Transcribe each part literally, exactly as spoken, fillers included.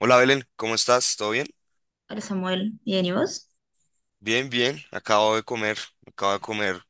Hola Belén, ¿cómo estás? ¿Todo bien? Hola Samuel, ¿bien y vos? Bien, bien. Acabo de comer, acabo de comer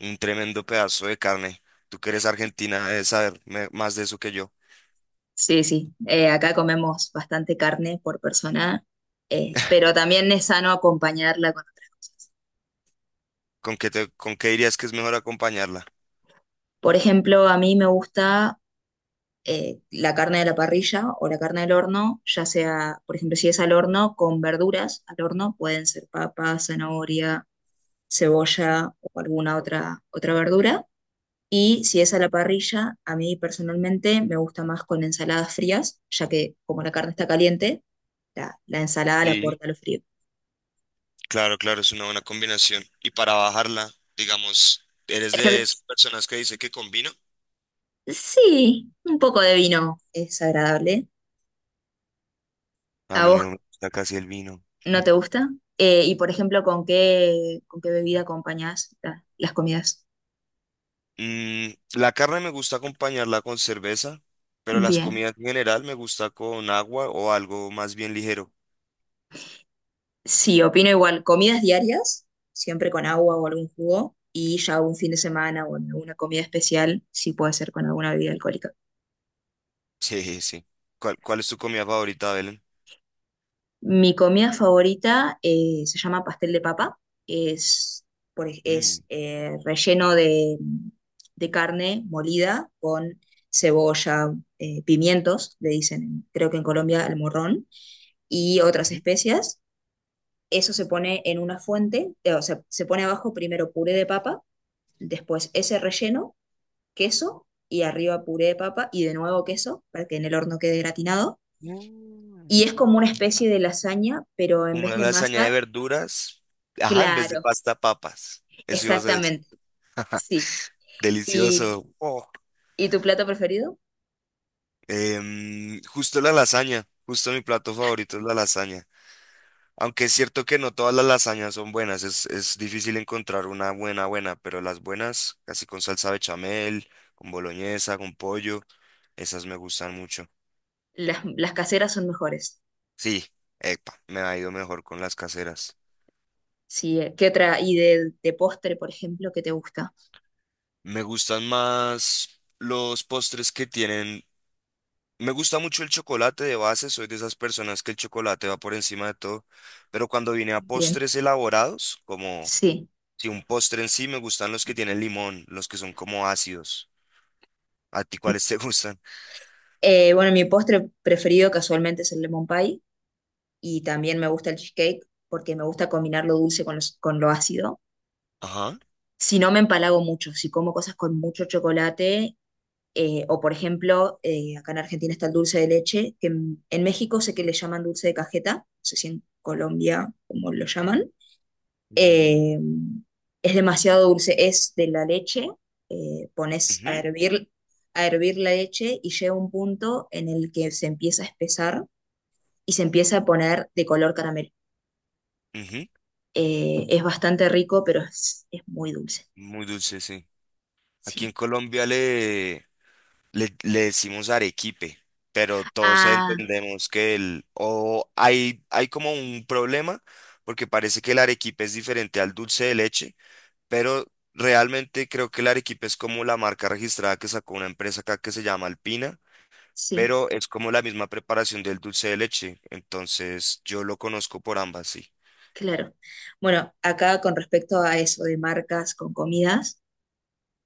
un tremendo pedazo de carne. Tú que eres argentina, debes saber me- más de eso que yo. Sí, sí. Eh, acá comemos bastante carne por persona, eh, pero también es sano acompañarla con otras cosas. ¿Con qué te, con qué dirías que es mejor acompañarla? Por ejemplo, a mí me gusta eh, la carne de la parrilla o la carne del horno, ya sea, por ejemplo, si es al horno, con verduras al horno, pueden ser papa, zanahoria, cebolla o alguna otra, otra verdura. Y si es a la parrilla, a mí personalmente me gusta más con ensaladas frías, ya que como la carne está caliente, La, la ensalada la Sí. aporta lo frío. Claro, claro, es una buena combinación. Y para bajarla, digamos, ¿eres de Ejer- esas personas que dice que con vino? sí, un poco de vino es agradable. A ¿A mí vos no me gusta casi el vino. no te gusta? Eh, y por ejemplo, ¿con qué, con qué bebida acompañás la- las comidas? Mm, la carne me gusta acompañarla con cerveza, pero las Bien. comidas en general me gusta con agua o algo más bien ligero. Sí, opino igual. Comidas diarias, siempre con agua o algún jugo. Y ya un fin de semana o en alguna comida especial, sí puede ser con alguna bebida alcohólica. Sí, sí. ¿Cuál, cuál es tu comida favorita, Belén? Mi comida favorita eh, se llama pastel de papa. Es, por ej- es Mm. eh, relleno de, de carne molida con cebolla, eh, pimientos, le dicen, en- creo que en Colombia, el morrón, y otras Ujú. especias. Eso se pone en una fuente, eh, o sea, se pone abajo primero puré de papa, después ese relleno, queso, y arriba puré de papa y de nuevo queso para que en el horno quede gratinado. Mm. Y es como una especie de lasaña, pero en Como vez una de lasaña de masa. verduras. Ajá, en vez de Claro, pasta, papas. Eso ibas a decir. exactamente, sí. ¿Y, Delicioso. Oh. y tu plato preferido? Em, justo la lasaña. Justo mi plato favorito es la lasaña. Aunque es cierto que no todas las lasañas son buenas. Es, es difícil encontrar una buena, buena. Pero las buenas, casi con salsa bechamel, con boloñesa, con pollo, esas me gustan mucho. Las, las caseras son mejores. Sí, epa, me ha ido mejor con las caseras. Sí, eh, ¿qué otra? ¿Y de, de postre, por ejemplo, qué te gusta? Me gustan más los postres que tienen. Me gusta mucho el chocolate de base, soy de esas personas que el chocolate va por encima de todo, pero cuando vine a Bien, postres elaborados, como sí. si un postre en sí, me gustan los que tienen limón, los que son como ácidos. ¿A ti cuáles te gustan? Eh, bueno, mi postre preferido casualmente es el lemon pie y también me gusta el cheesecake porque me gusta combinar lo dulce con, los- con lo ácido. Ajá. Si no, me empalago mucho. Si como cosas con mucho chocolate, Eh, o por ejemplo, eh, acá en Argentina está el dulce de leche, que en, en México sé que le llaman dulce de cajeta, no sé si en Colombia como lo llaman. Mm. Eh, es demasiado dulce, es de la leche, eh, pones Ujú, a hervir, a hervir la leche y llega un punto en el que se empieza a espesar y se empieza a poner de color caramelo. ujú. Eh, es bastante rico, pero es, es muy dulce. Muy dulce, sí. Aquí en Sí. Colombia le, Le, le decimos arequipe, pero todos Ah, entendemos que el, o hay, hay como un problema, porque parece que el arequipe es diferente al dulce de leche, pero realmente creo que el arequipe es como la marca registrada que sacó una empresa acá que se llama Alpina, sí. pero es como la misma preparación del dulce de leche, entonces yo lo conozco por ambas, sí. Claro. Bueno, acá con respecto a eso de marcas con comidas,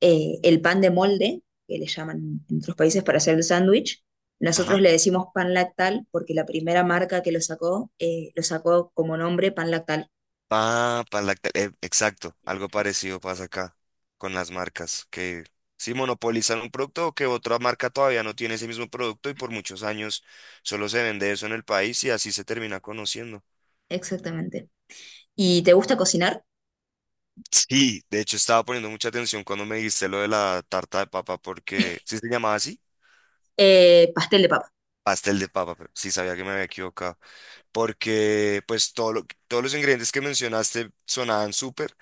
eh, el pan de molde, que le llaman en otros países para hacer el sándwich, nosotros le decimos pan lactal porque la primera marca que lo sacó, eh, lo sacó como nombre pan lactal. Ah, para la- eh, exacto, algo parecido pasa acá con las marcas, que si monopolizan un producto o que otra marca todavía no tiene ese mismo producto y por muchos años solo se vende eso en el país y así se termina conociendo. Exactamente. ¿Y te gusta cocinar? Sí, de hecho estaba poniendo mucha atención cuando me dijiste lo de la tarta de papa porque sí se llamaba así, Eh, pastel de papa. pastel de papa, pero sí sabía que me había equivocado, porque pues todo lo- todos los ingredientes que mencionaste sonaban súper.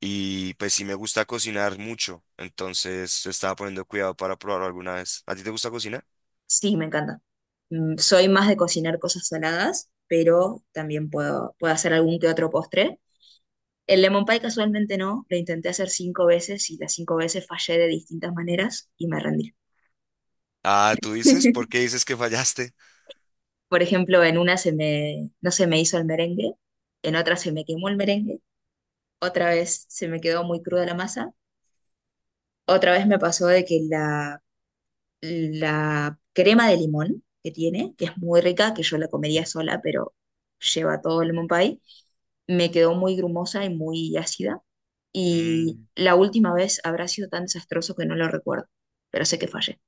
Y pues sí me gusta cocinar mucho, entonces estaba poniendo cuidado para probarlo alguna vez. ¿A ti te gusta cocinar? Sí, me encanta. Mm, soy más de cocinar cosas saladas, pero también puedo, puedo hacer algún que otro postre. El lemon pie casualmente no, lo intenté hacer cinco veces y las cinco veces fallé de distintas maneras y me rendí. Ah, tú dices, ¿por qué dices que fallaste? Por ejemplo, en una se me, no se me hizo el merengue, en otra se me quemó el merengue, otra vez se me quedó muy cruda la masa, otra vez me pasó de que la, la crema de limón que tiene, que es muy rica, que yo la comería sola, pero lleva todo el lemon pie, me quedó muy grumosa y muy ácida. Y Mm. la última vez habrá sido tan desastroso que no lo recuerdo, pero sé que fallé.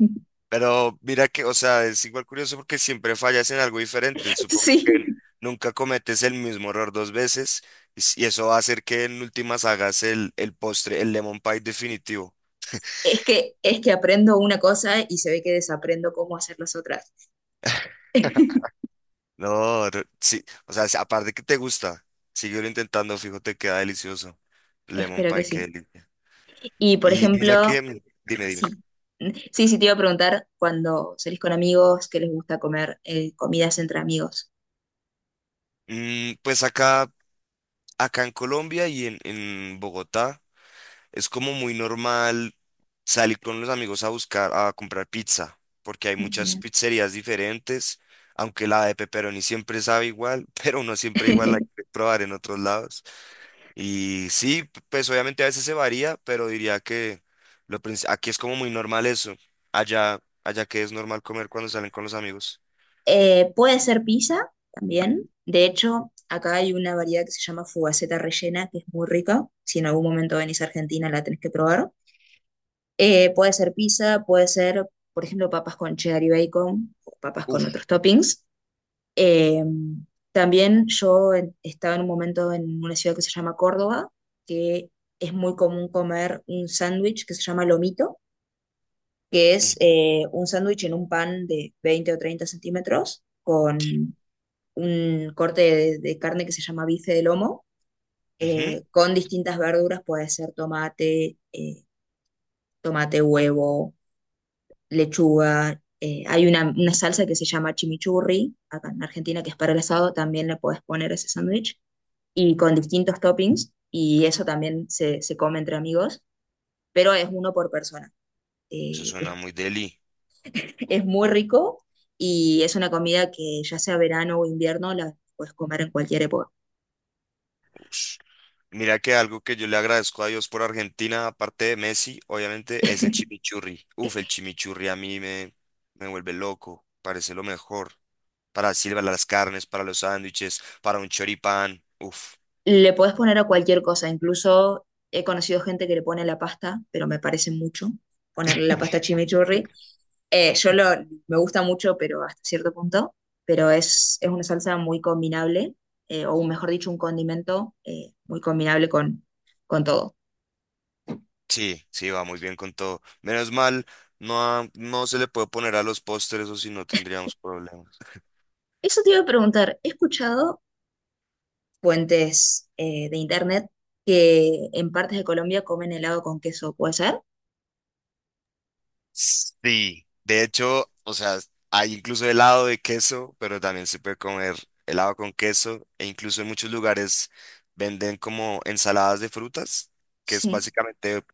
Pero mira que, o sea, es igual curioso porque siempre fallas en algo diferente. Supongo que Sí, n- nunca cometes el mismo error dos veces y s- y eso va a hacer que en últimas hagas el, el postre, el lemon pie definitivo. es que, es que aprendo una cosa y se ve que desaprendo cómo hacer las otras. No, re- sí, o sea, si- aparte que te gusta, síguelo intentando, fijo, te queda delicioso. Lemon Espero que pie, qué sí. delicia. Y por Y mira ejemplo, que, mm, dime, dime. sí. Sí, sí, te iba a preguntar cuando salís con amigos, ¿qué les gusta comer? Eh, comidas entre amigos. Mm, pues acá, Acá en Colombia y en, en Bogotá es como muy normal salir con los amigos a buscar, a comprar pizza, porque hay muchas Bien. pizzerías diferentes, aunque la de pepperoni siempre sabe igual, pero uno siempre igual la quiere probar en otros lados. Y sí, p- pues obviamente a veces se varía, pero diría que lo, princi- aquí es como muy normal eso. Allá, allá que es normal comer cuando salen con los amigos. Eh, puede ser pizza también. De hecho, acá hay una variedad que se llama fugaceta rellena, que es muy rica. Si en algún momento venís a Argentina, la tenés que probar. Eh, puede ser pizza, puede ser, por ejemplo, papas con cheddar y bacon, o papas con Uf. otros toppings. Eh, También yo en- estaba en un momento en una ciudad que se llama Córdoba, que es muy común comer un sándwich que se llama lomito, que Mm, es eh, un sándwich en un pan de veinte o treinta centímetros con un corte de, de carne que se llama bife de lomo, ujú, eh, con distintas verduras, puede ser tomate, eh, tomate, huevo, lechuga. Eh, hay una, una salsa que se llama chimichurri, acá en Argentina, que es para el asado, también le puedes poner ese sándwich, y con distintos toppings, y eso también se, se come entre amigos, pero es uno por persona. Eso Eh, es, suena muy deli. es muy rico y es una comida que ya sea verano o invierno, la puedes comer en cualquier época. Mira que algo que yo le agradezco a Dios por Argentina, aparte de Messi, obviamente es el chimichurri. Uf, el chimichurri a mí me, me vuelve loco, parece lo mejor. Para silbar las carnes, para los sándwiches, para un choripán. Uf, Le podés poner a cualquier cosa, incluso he conocido gente que le pone la pasta, pero me parece mucho ponerle la pasta chimichurri. Eh, yo lo, Me gusta mucho, pero hasta cierto punto, pero es, es una salsa muy combinable, eh, o mejor dicho, un condimento eh, muy combinable con, con todo. sí, sí, va muy bien con todo. Menos mal, no, ha- no se le puede poner a los postres o si no tendríamos problemas. Eso te iba a preguntar, he escuchado fuentes eh, de internet que en partes de Colombia comen helado con queso, ¿puede ser? Sí, de hecho, o sea, hay incluso helado de queso, pero también se puede comer helado con queso e incluso en muchos lugares venden como ensaladas de frutas, que es Sí. básicamente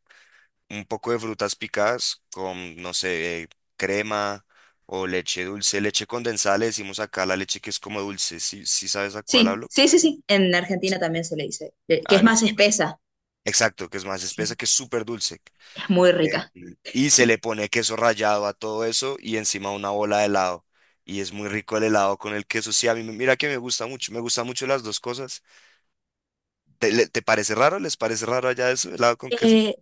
un poco de frutas picadas con, no sé, eh, crema o leche dulce, leche condensada, le decimos acá la leche que es como dulce, ¿sí, sí sabes a cuál Sí, hablo? sí, sí, sí. En Argentina también se le dice, eh, que es Ah, más listo. espesa. Exacto, que es más espesa, Sí, que es súper dulce. es muy rica. Em, y se le pone queso rallado a todo eso y encima una bola de helado. Y es muy rico el helado con el queso. Sí, a mí me- mira que me gusta mucho, me gustan mucho las dos cosas. ¿Te, le- te parece raro? ¿Les parece raro allá eso, helado con queso? Eh,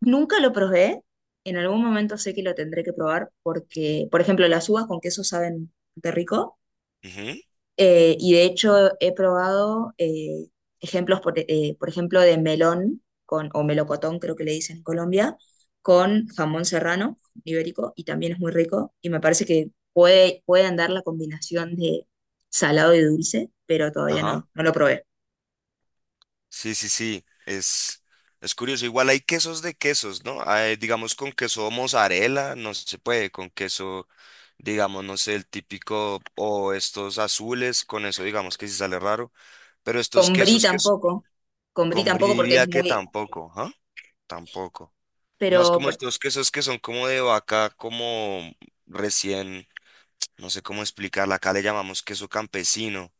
Nunca lo probé. En algún momento sé que lo tendré que probar porque, por ejemplo, las uvas con queso saben de rico. Ujú. Eh, y de hecho he probado eh, ejemplos, por, eh, por ejemplo, de melón con, o melocotón, creo que le dicen en Colombia, con jamón serrano ibérico y también es muy rico. Y me parece que puede, puede andar la combinación de salado y dulce, pero todavía no, Ajá. no lo probé. Sí, sí, sí. Es, es curioso. Igual hay quesos de quesos, ¿no? Hay, digamos con queso mozzarella, no se puede, con queso, digamos, no sé, el típico o estos azules, con eso digamos que sí sale raro. Pero estos Con brie quesos que tampoco. Con brie con brie tampoco porque es diría que muy, tampoco, ¿ah? Tampoco. Es más pero como por- estos quesos que son como de vaca, como recién, no sé cómo explicarla, acá le llamamos queso campesino,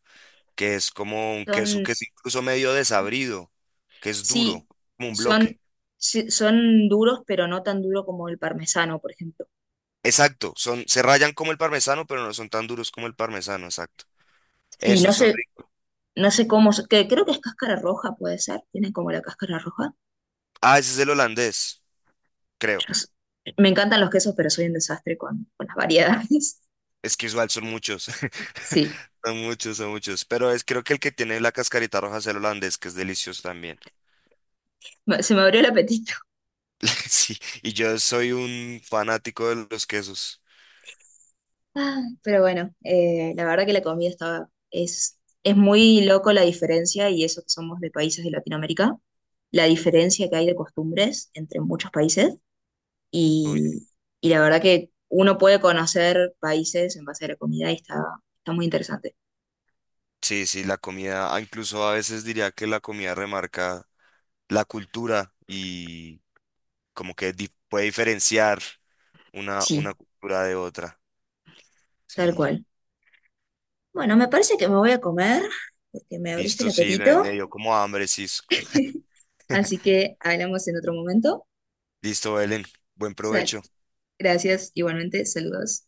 que es como un queso son, que es incluso medio desabrido, que es duro, sí, como un son, bloque. sí, son duros, pero no tan duro como el parmesano, por ejemplo. Exacto, son, se rayan como el parmesano, pero no son tan duros como el parmesano, exacto. Sí, no Esos son sé, ricos. no sé cómo, se- que creo que es cáscara roja, puede ser, tienen como la cáscara roja. Ah, ese es el holandés, creo. Yo s- Me encantan los quesos, pero soy un desastre con, con las variedades. Es que igual son muchos. Sí, Son muchos, son muchos. Pero es creo que el que tiene la cascarita roja es el holandés, que es delicioso también. me- se me abrió el apetito. Sí, y yo soy un fanático de los quesos. Ah, pero bueno, eh, la verdad que la comida estaba, es, es muy loco la diferencia y eso que somos de países de Latinoamérica, la diferencia que hay de costumbres entre muchos países. Uy, Y, y la verdad que uno puede conocer países en base a la comida y está, está muy interesante. sí, sí, la comida, ah, incluso a veces diría que la comida remarca la cultura y como que di- puede diferenciar una, una Sí, cultura de otra. tal Sí, cual. Bueno, me parece que me voy a comer porque me abriste el listo, sí, me, me apetito. dio como hambre, sí. Así que hablamos en otro momento. Listo, Belén, buen Sal. provecho. Gracias, igualmente, saludos.